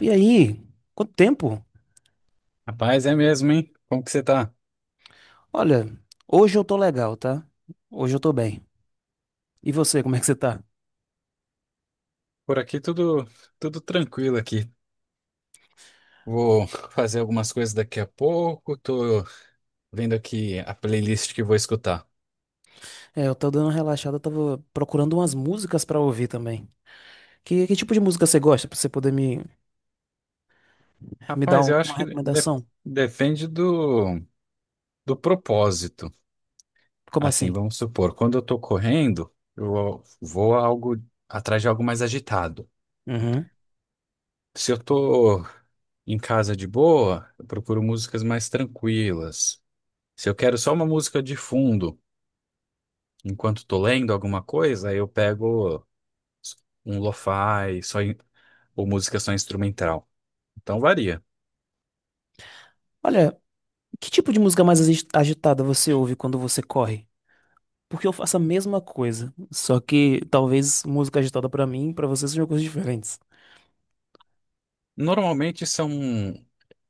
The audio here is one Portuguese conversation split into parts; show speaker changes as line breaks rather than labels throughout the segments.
E aí? Quanto tempo?
Rapaz, é mesmo, hein? Como que você tá?
Olha, hoje eu tô legal, tá? Hoje eu tô bem. E você, como é que você tá?
Por aqui tudo tranquilo aqui. Vou fazer algumas coisas daqui a pouco. Tô vendo aqui a playlist que vou escutar.
É, eu tô dando uma relaxada, eu tava procurando umas músicas pra ouvir também. Que tipo de música você gosta, pra você poder me dar
Rapaz, eu acho
uma
que
recomendação?
depende do propósito.
Como
Assim,
assim?
vamos supor, quando eu tô correndo, eu vou a algo atrás de algo mais agitado.
Uhum.
Se eu tô em casa de boa, eu procuro músicas mais tranquilas. Se eu quero só uma música de fundo, enquanto tô lendo alguma coisa, aí eu pego um lo-fi, ou música só instrumental. Então varia.
Olha, que tipo de música mais agitada você ouve quando você corre? Porque eu faço a mesma coisa, só que talvez música agitada pra mim e pra você sejam coisas diferentes.
Normalmente são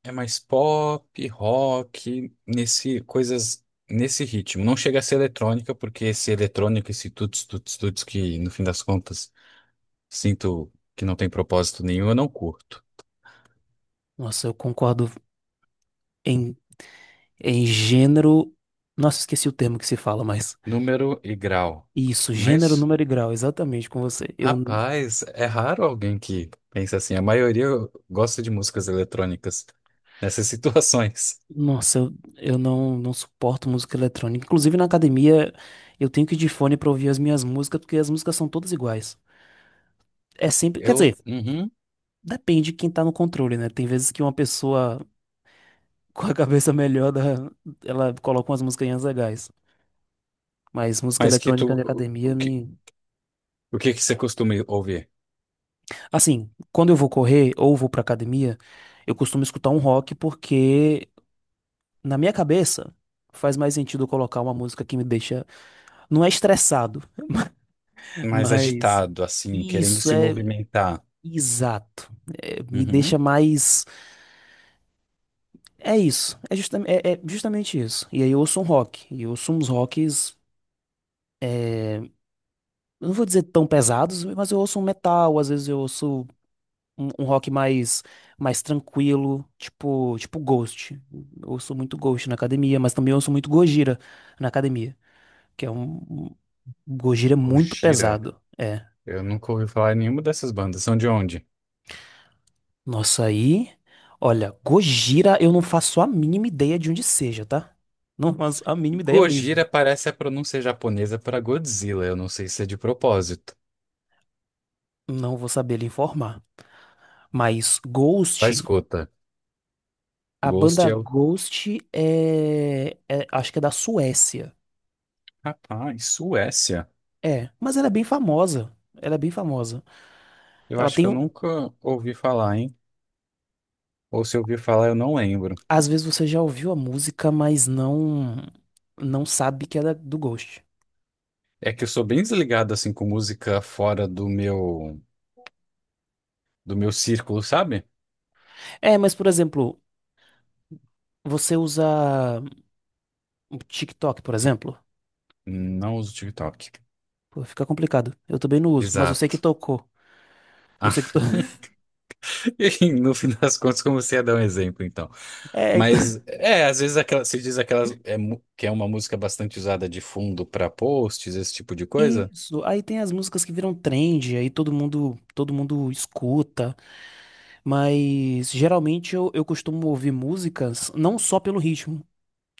é mais pop, rock, nesse ritmo. Não chega a ser eletrônica, porque esse eletrônico, esse tuts tuts tuts que no fim das contas sinto que não tem propósito nenhum, eu não curto.
Nossa, eu concordo em Em gênero. Nossa, esqueci o termo que se fala, mas.
Número e grau.
Isso,
Não é
gênero,
isso?
número e grau, exatamente com você. Eu.
Rapaz, é raro alguém que pensa assim. A maioria gosta de músicas eletrônicas nessas situações.
Nossa, eu não suporto música eletrônica. Inclusive na academia, eu tenho que ir de fone pra ouvir as minhas músicas, porque as músicas são todas iguais. É sempre. Quer dizer,
Uhum.
depende de quem tá no controle, né? Tem vezes que uma pessoa com a cabeça melhor, ela coloca umas musiquinhas legais. Mas música
Mas que
eletrônica
tu,
na academia me.
o que que você costuma ouvir?
Assim, quando eu vou correr ou vou pra academia. Eu costumo escutar um rock porque, na minha cabeça, faz mais sentido eu colocar uma música que me deixa. Não é estressado,
Mais
mas.
agitado, assim, querendo
Isso
se
é
movimentar.
exato. É, me
Uhum.
deixa mais. É isso. É, justamente isso. E aí eu ouço um rock. E eu ouço uns rocks. Eu não vou dizer tão pesados, mas eu ouço um metal. Às vezes eu ouço um rock mais tranquilo, tipo Ghost. Eu ouço muito Ghost na academia, mas também ouço muito Gojira na academia, que é um. Gojira é muito
Gojira.
pesado. É,
Eu nunca ouvi falar em nenhuma dessas bandas. São de onde?
nossa, aí. Olha, Gojira, eu não faço a mínima ideia de onde seja, tá? Não faço a mínima ideia mesmo.
Gojira parece a pronúncia japonesa para Godzilla. Eu não sei se é de propósito.
Não vou saber lhe informar. Mas
Tá,
Ghost,
escuta.
a
Ghost
banda
é o...
Ghost, acho que é da Suécia.
Rapaz, Suécia.
É, mas ela é bem famosa. Ela é bem famosa.
Eu
Ela
acho que
tem.
eu nunca ouvi falar, hein? Ou se eu ouvi falar, eu não lembro.
Às vezes você já ouviu a música, mas não. Não sabe que ela é do Ghost.
É que eu sou bem desligado assim com música fora do meu círculo, sabe?
É, mas por exemplo, você usa o TikTok, por exemplo.
Não uso TikTok.
Pô, fica complicado. Eu também não uso, mas eu sei que
Exato.
tocou. Eu sei que
Ah,
to...
e no fim das contas, comecei a dar um exemplo, então.
É, então.
Mas é, às vezes aquela, se diz aquelas é, que é uma música bastante usada de fundo para posts, esse tipo de coisa.
Isso. Aí tem as músicas que viram trend, aí todo mundo escuta, mas geralmente eu costumo ouvir músicas não só pelo ritmo,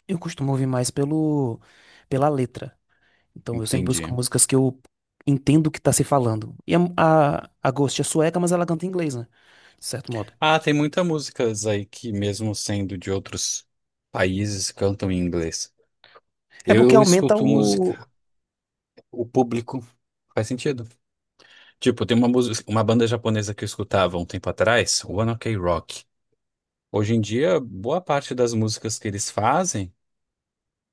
eu costumo ouvir mais pelo pela letra. Então eu sempre busco
Entendi.
músicas que eu entendo o que tá se falando. E a Ghost é sueca, mas ela canta em inglês, né? De certo modo.
Ah, tem muitas músicas aí que, mesmo sendo de outros países, cantam em inglês.
É porque
Eu
aumenta
escuto
o.
música, o público. Faz sentido? Tipo, tem uma música, uma banda japonesa que eu escutava um tempo atrás, o One Ok Rock. Hoje em dia, boa parte das músicas que eles fazem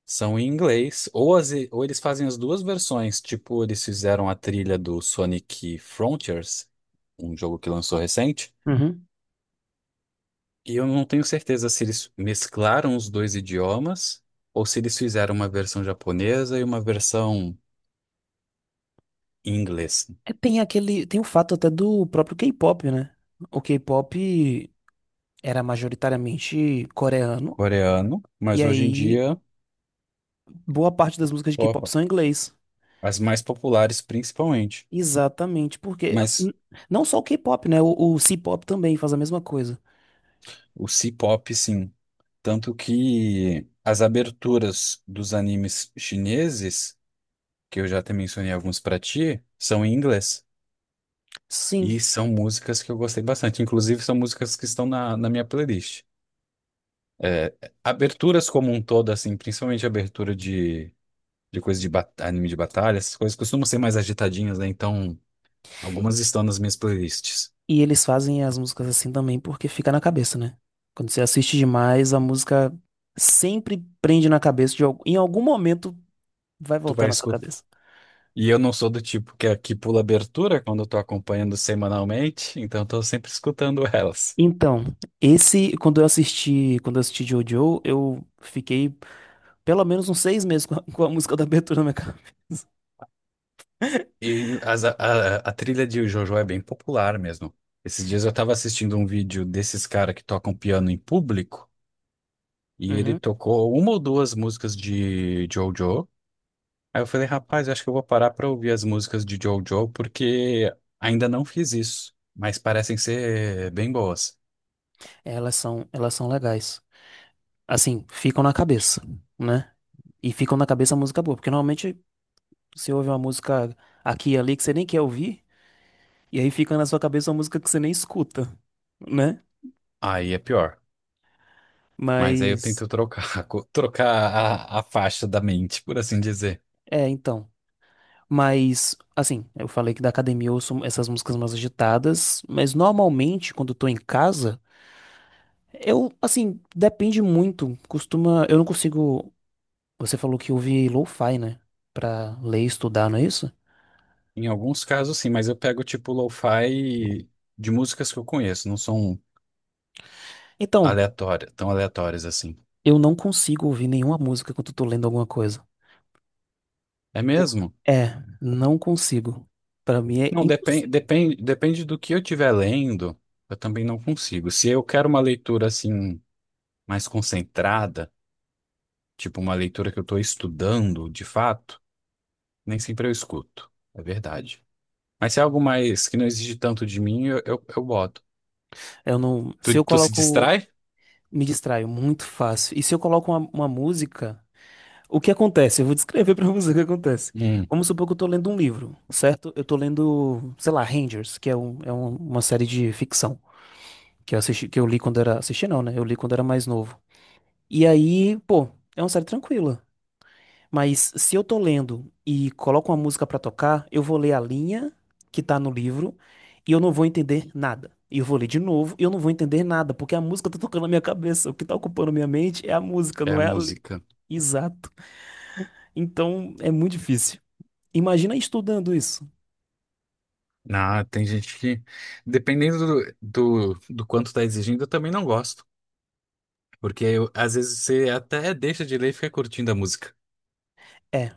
são em inglês, ou, ou eles fazem as duas versões, tipo, eles fizeram a trilha do Sonic Frontiers, um jogo que lançou recente,
Uhum.
e eu não tenho certeza se eles mesclaram os dois idiomas ou se eles fizeram uma versão japonesa e uma versão em inglês,
É, tem aquele. Tem o fato até do próprio K-pop, né? O K-pop era majoritariamente coreano.
coreano,
E
mas hoje em
aí,
dia,
boa parte das músicas de K-pop
opa,
são em inglês.
as mais populares principalmente.
Exatamente, porque
Mas
não só o K-pop, né? O C-pop também faz a mesma coisa.
o C-pop, sim. Tanto que as aberturas dos animes chineses, que eu já até mencionei alguns pra ti, são em inglês. E
Sim.
são músicas que eu gostei bastante. Inclusive, são músicas que estão na minha playlist. É, aberturas como um todo, assim, principalmente abertura de coisa anime de batalha, essas coisas costumam ser mais agitadinhas, né? Então, algumas estão nas minhas playlists.
E eles fazem as músicas assim também porque fica na cabeça, né? Quando você assiste demais, a música sempre prende na cabeça, em algum momento vai
Tu
voltar
vai
na sua
escutar.
cabeça.
E eu não sou do tipo que pula abertura quando eu tô acompanhando semanalmente, então tô sempre escutando elas.
Então, quando eu assisti Jojo, eu fiquei pelo menos uns 6 meses com a música da abertura na minha cabeça.
A trilha de JoJo é bem popular mesmo. Esses dias eu tava assistindo um vídeo desses caras que tocam piano em público, e ele
Uhum.
tocou uma ou duas músicas de JoJo. Aí eu falei, rapaz, eu acho que eu vou parar pra ouvir as músicas de JoJo, porque ainda não fiz isso, mas parecem ser bem boas.
Elas são legais. Assim, ficam na cabeça, né? E ficam na cabeça a música boa, porque normalmente você ouve uma música aqui e ali que você nem quer ouvir, e aí fica na sua cabeça uma música que você nem escuta, né?
Aí é pior. Mas aí eu
Mas.
tento trocar, trocar a faixa da mente, por assim dizer.
É, então. Mas, assim, eu falei que da academia eu ouço essas músicas mais agitadas, mas normalmente quando eu tô em casa, assim, depende muito. Costuma. Eu não consigo. Você falou que ouve lo-fi, né? Pra ler e estudar, não é isso?
Em alguns casos, sim, mas eu pego tipo lo-fi de músicas que eu conheço, não são
Então,
aleatórias, tão aleatórias assim.
eu não consigo ouvir nenhuma música quando eu tô lendo alguma coisa.
É
Por-
mesmo?
É, não consigo. Pra mim é
Não,
impossível.
depende do que eu estiver lendo, eu também não consigo. Se eu quero uma leitura assim mais concentrada, tipo uma leitura que eu estou estudando de fato, nem sempre eu escuto. É verdade. Mas se é algo mais que não exige tanto de mim, eu boto.
Eu não. Se
Tu,
eu
tu se
coloco.
distrai?
Me distraio muito fácil. E se eu coloco uma música, o que acontece? Eu vou descrever pra você o que acontece.
Hum,
Vamos supor que eu tô lendo um livro, certo? Eu tô lendo, sei lá, Rangers, que é uma série de ficção que eu assisti, que eu li quando era, assisti não, né? Eu li quando era mais novo. E aí, pô, é uma série tranquila. Mas se eu tô lendo e coloco uma música pra tocar, eu vou ler a linha que tá no livro e eu não vou entender nada. E eu vou ler de novo e eu não vou entender nada, porque a música tá tocando na minha cabeça. O que tá ocupando minha mente é a música,
é
não
a
é a.
música.
Exato. Então é muito difícil. Imagina estudando isso.
Ah, tem gente que, dependendo do quanto tá exigindo, eu também não gosto. Às vezes você até deixa de ler e fica curtindo a música.
É.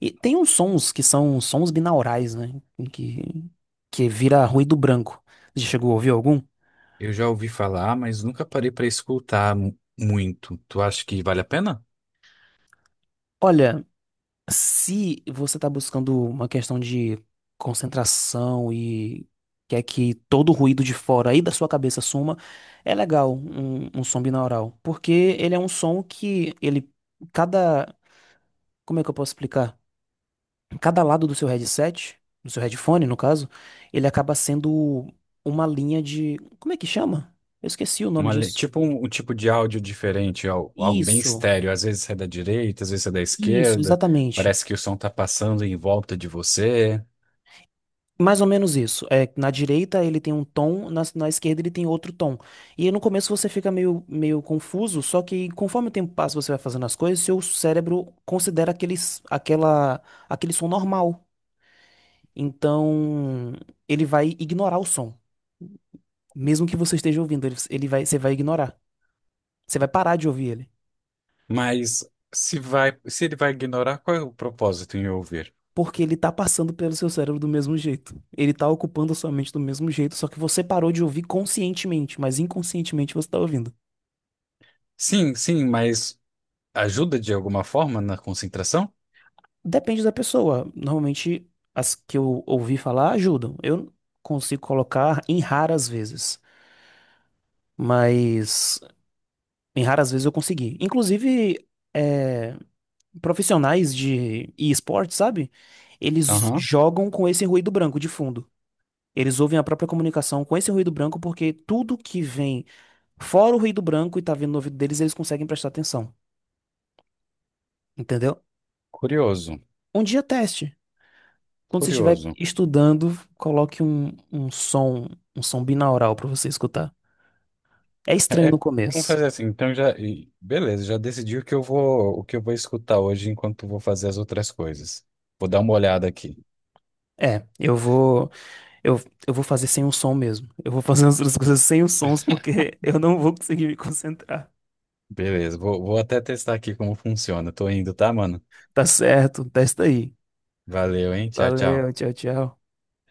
E tem uns sons que são sons binaurais, né? Que, que vira ruído branco. Você chegou a ouvir algum?
Eu já ouvi falar, mas nunca parei pra escutar muito. Tu acha que vale a pena?
Olha. Se você está buscando uma questão de concentração e quer que todo o ruído de fora aí da sua cabeça suma, é legal um som binaural, porque ele é um som que cada, como é que eu posso explicar? Cada lado do seu headset, do seu headphone, no caso, ele acaba sendo uma linha de, como é que chama? Eu esqueci o nome disso.
Tipo um tipo de áudio diferente, algo bem
Isso,
estéreo. Às vezes é da direita, às vezes é da
isso,
esquerda.
exatamente.
Parece que o som tá passando em volta de você.
Mais ou menos isso. É, na direita ele tem um tom, na esquerda ele tem outro tom. E no começo você fica meio confuso, só que conforme o tempo passa, você vai fazendo as coisas, seu cérebro considera aquele som normal. Então ele vai ignorar o som. Mesmo que você esteja ouvindo, você vai ignorar. Você vai parar de ouvir ele.
Mas se ele vai ignorar, qual é o propósito em ouvir?
Porque ele tá passando pelo seu cérebro do mesmo jeito. Ele tá ocupando a sua mente do mesmo jeito, só que você parou de ouvir conscientemente, mas inconscientemente você tá ouvindo.
Sim, sim, mas ajuda de alguma forma na concentração?
Depende da pessoa. Normalmente, as que eu ouvi falar ajudam. Eu consigo colocar em raras vezes, mas em raras vezes eu consegui. Inclusive, é, profissionais de e-sport, sabe? Eles
Aham.
jogam com esse ruído branco de fundo. Eles ouvem a própria comunicação com esse ruído branco porque tudo que vem fora o ruído branco e tá vindo no ouvido deles, eles conseguem prestar atenção. Entendeu?
Curioso,
Um dia teste. Quando você estiver
curioso.
estudando, coloque um som binaural para você escutar. É estranho no
Vamos
começo.
fazer assim, então já, beleza, já decidi o que eu vou, o que eu vou escutar hoje enquanto vou fazer as outras coisas. Vou dar uma olhada aqui.
É, eu, eu vou fazer sem o som mesmo. Eu vou fazer as outras coisas sem os sons porque eu não vou conseguir me concentrar.
Beleza, vou até testar aqui como funciona. Tô indo, tá, mano?
Tá certo, testa aí.
Valeu, hein? Tchau,
Valeu,
tchau.
tchau, tchau.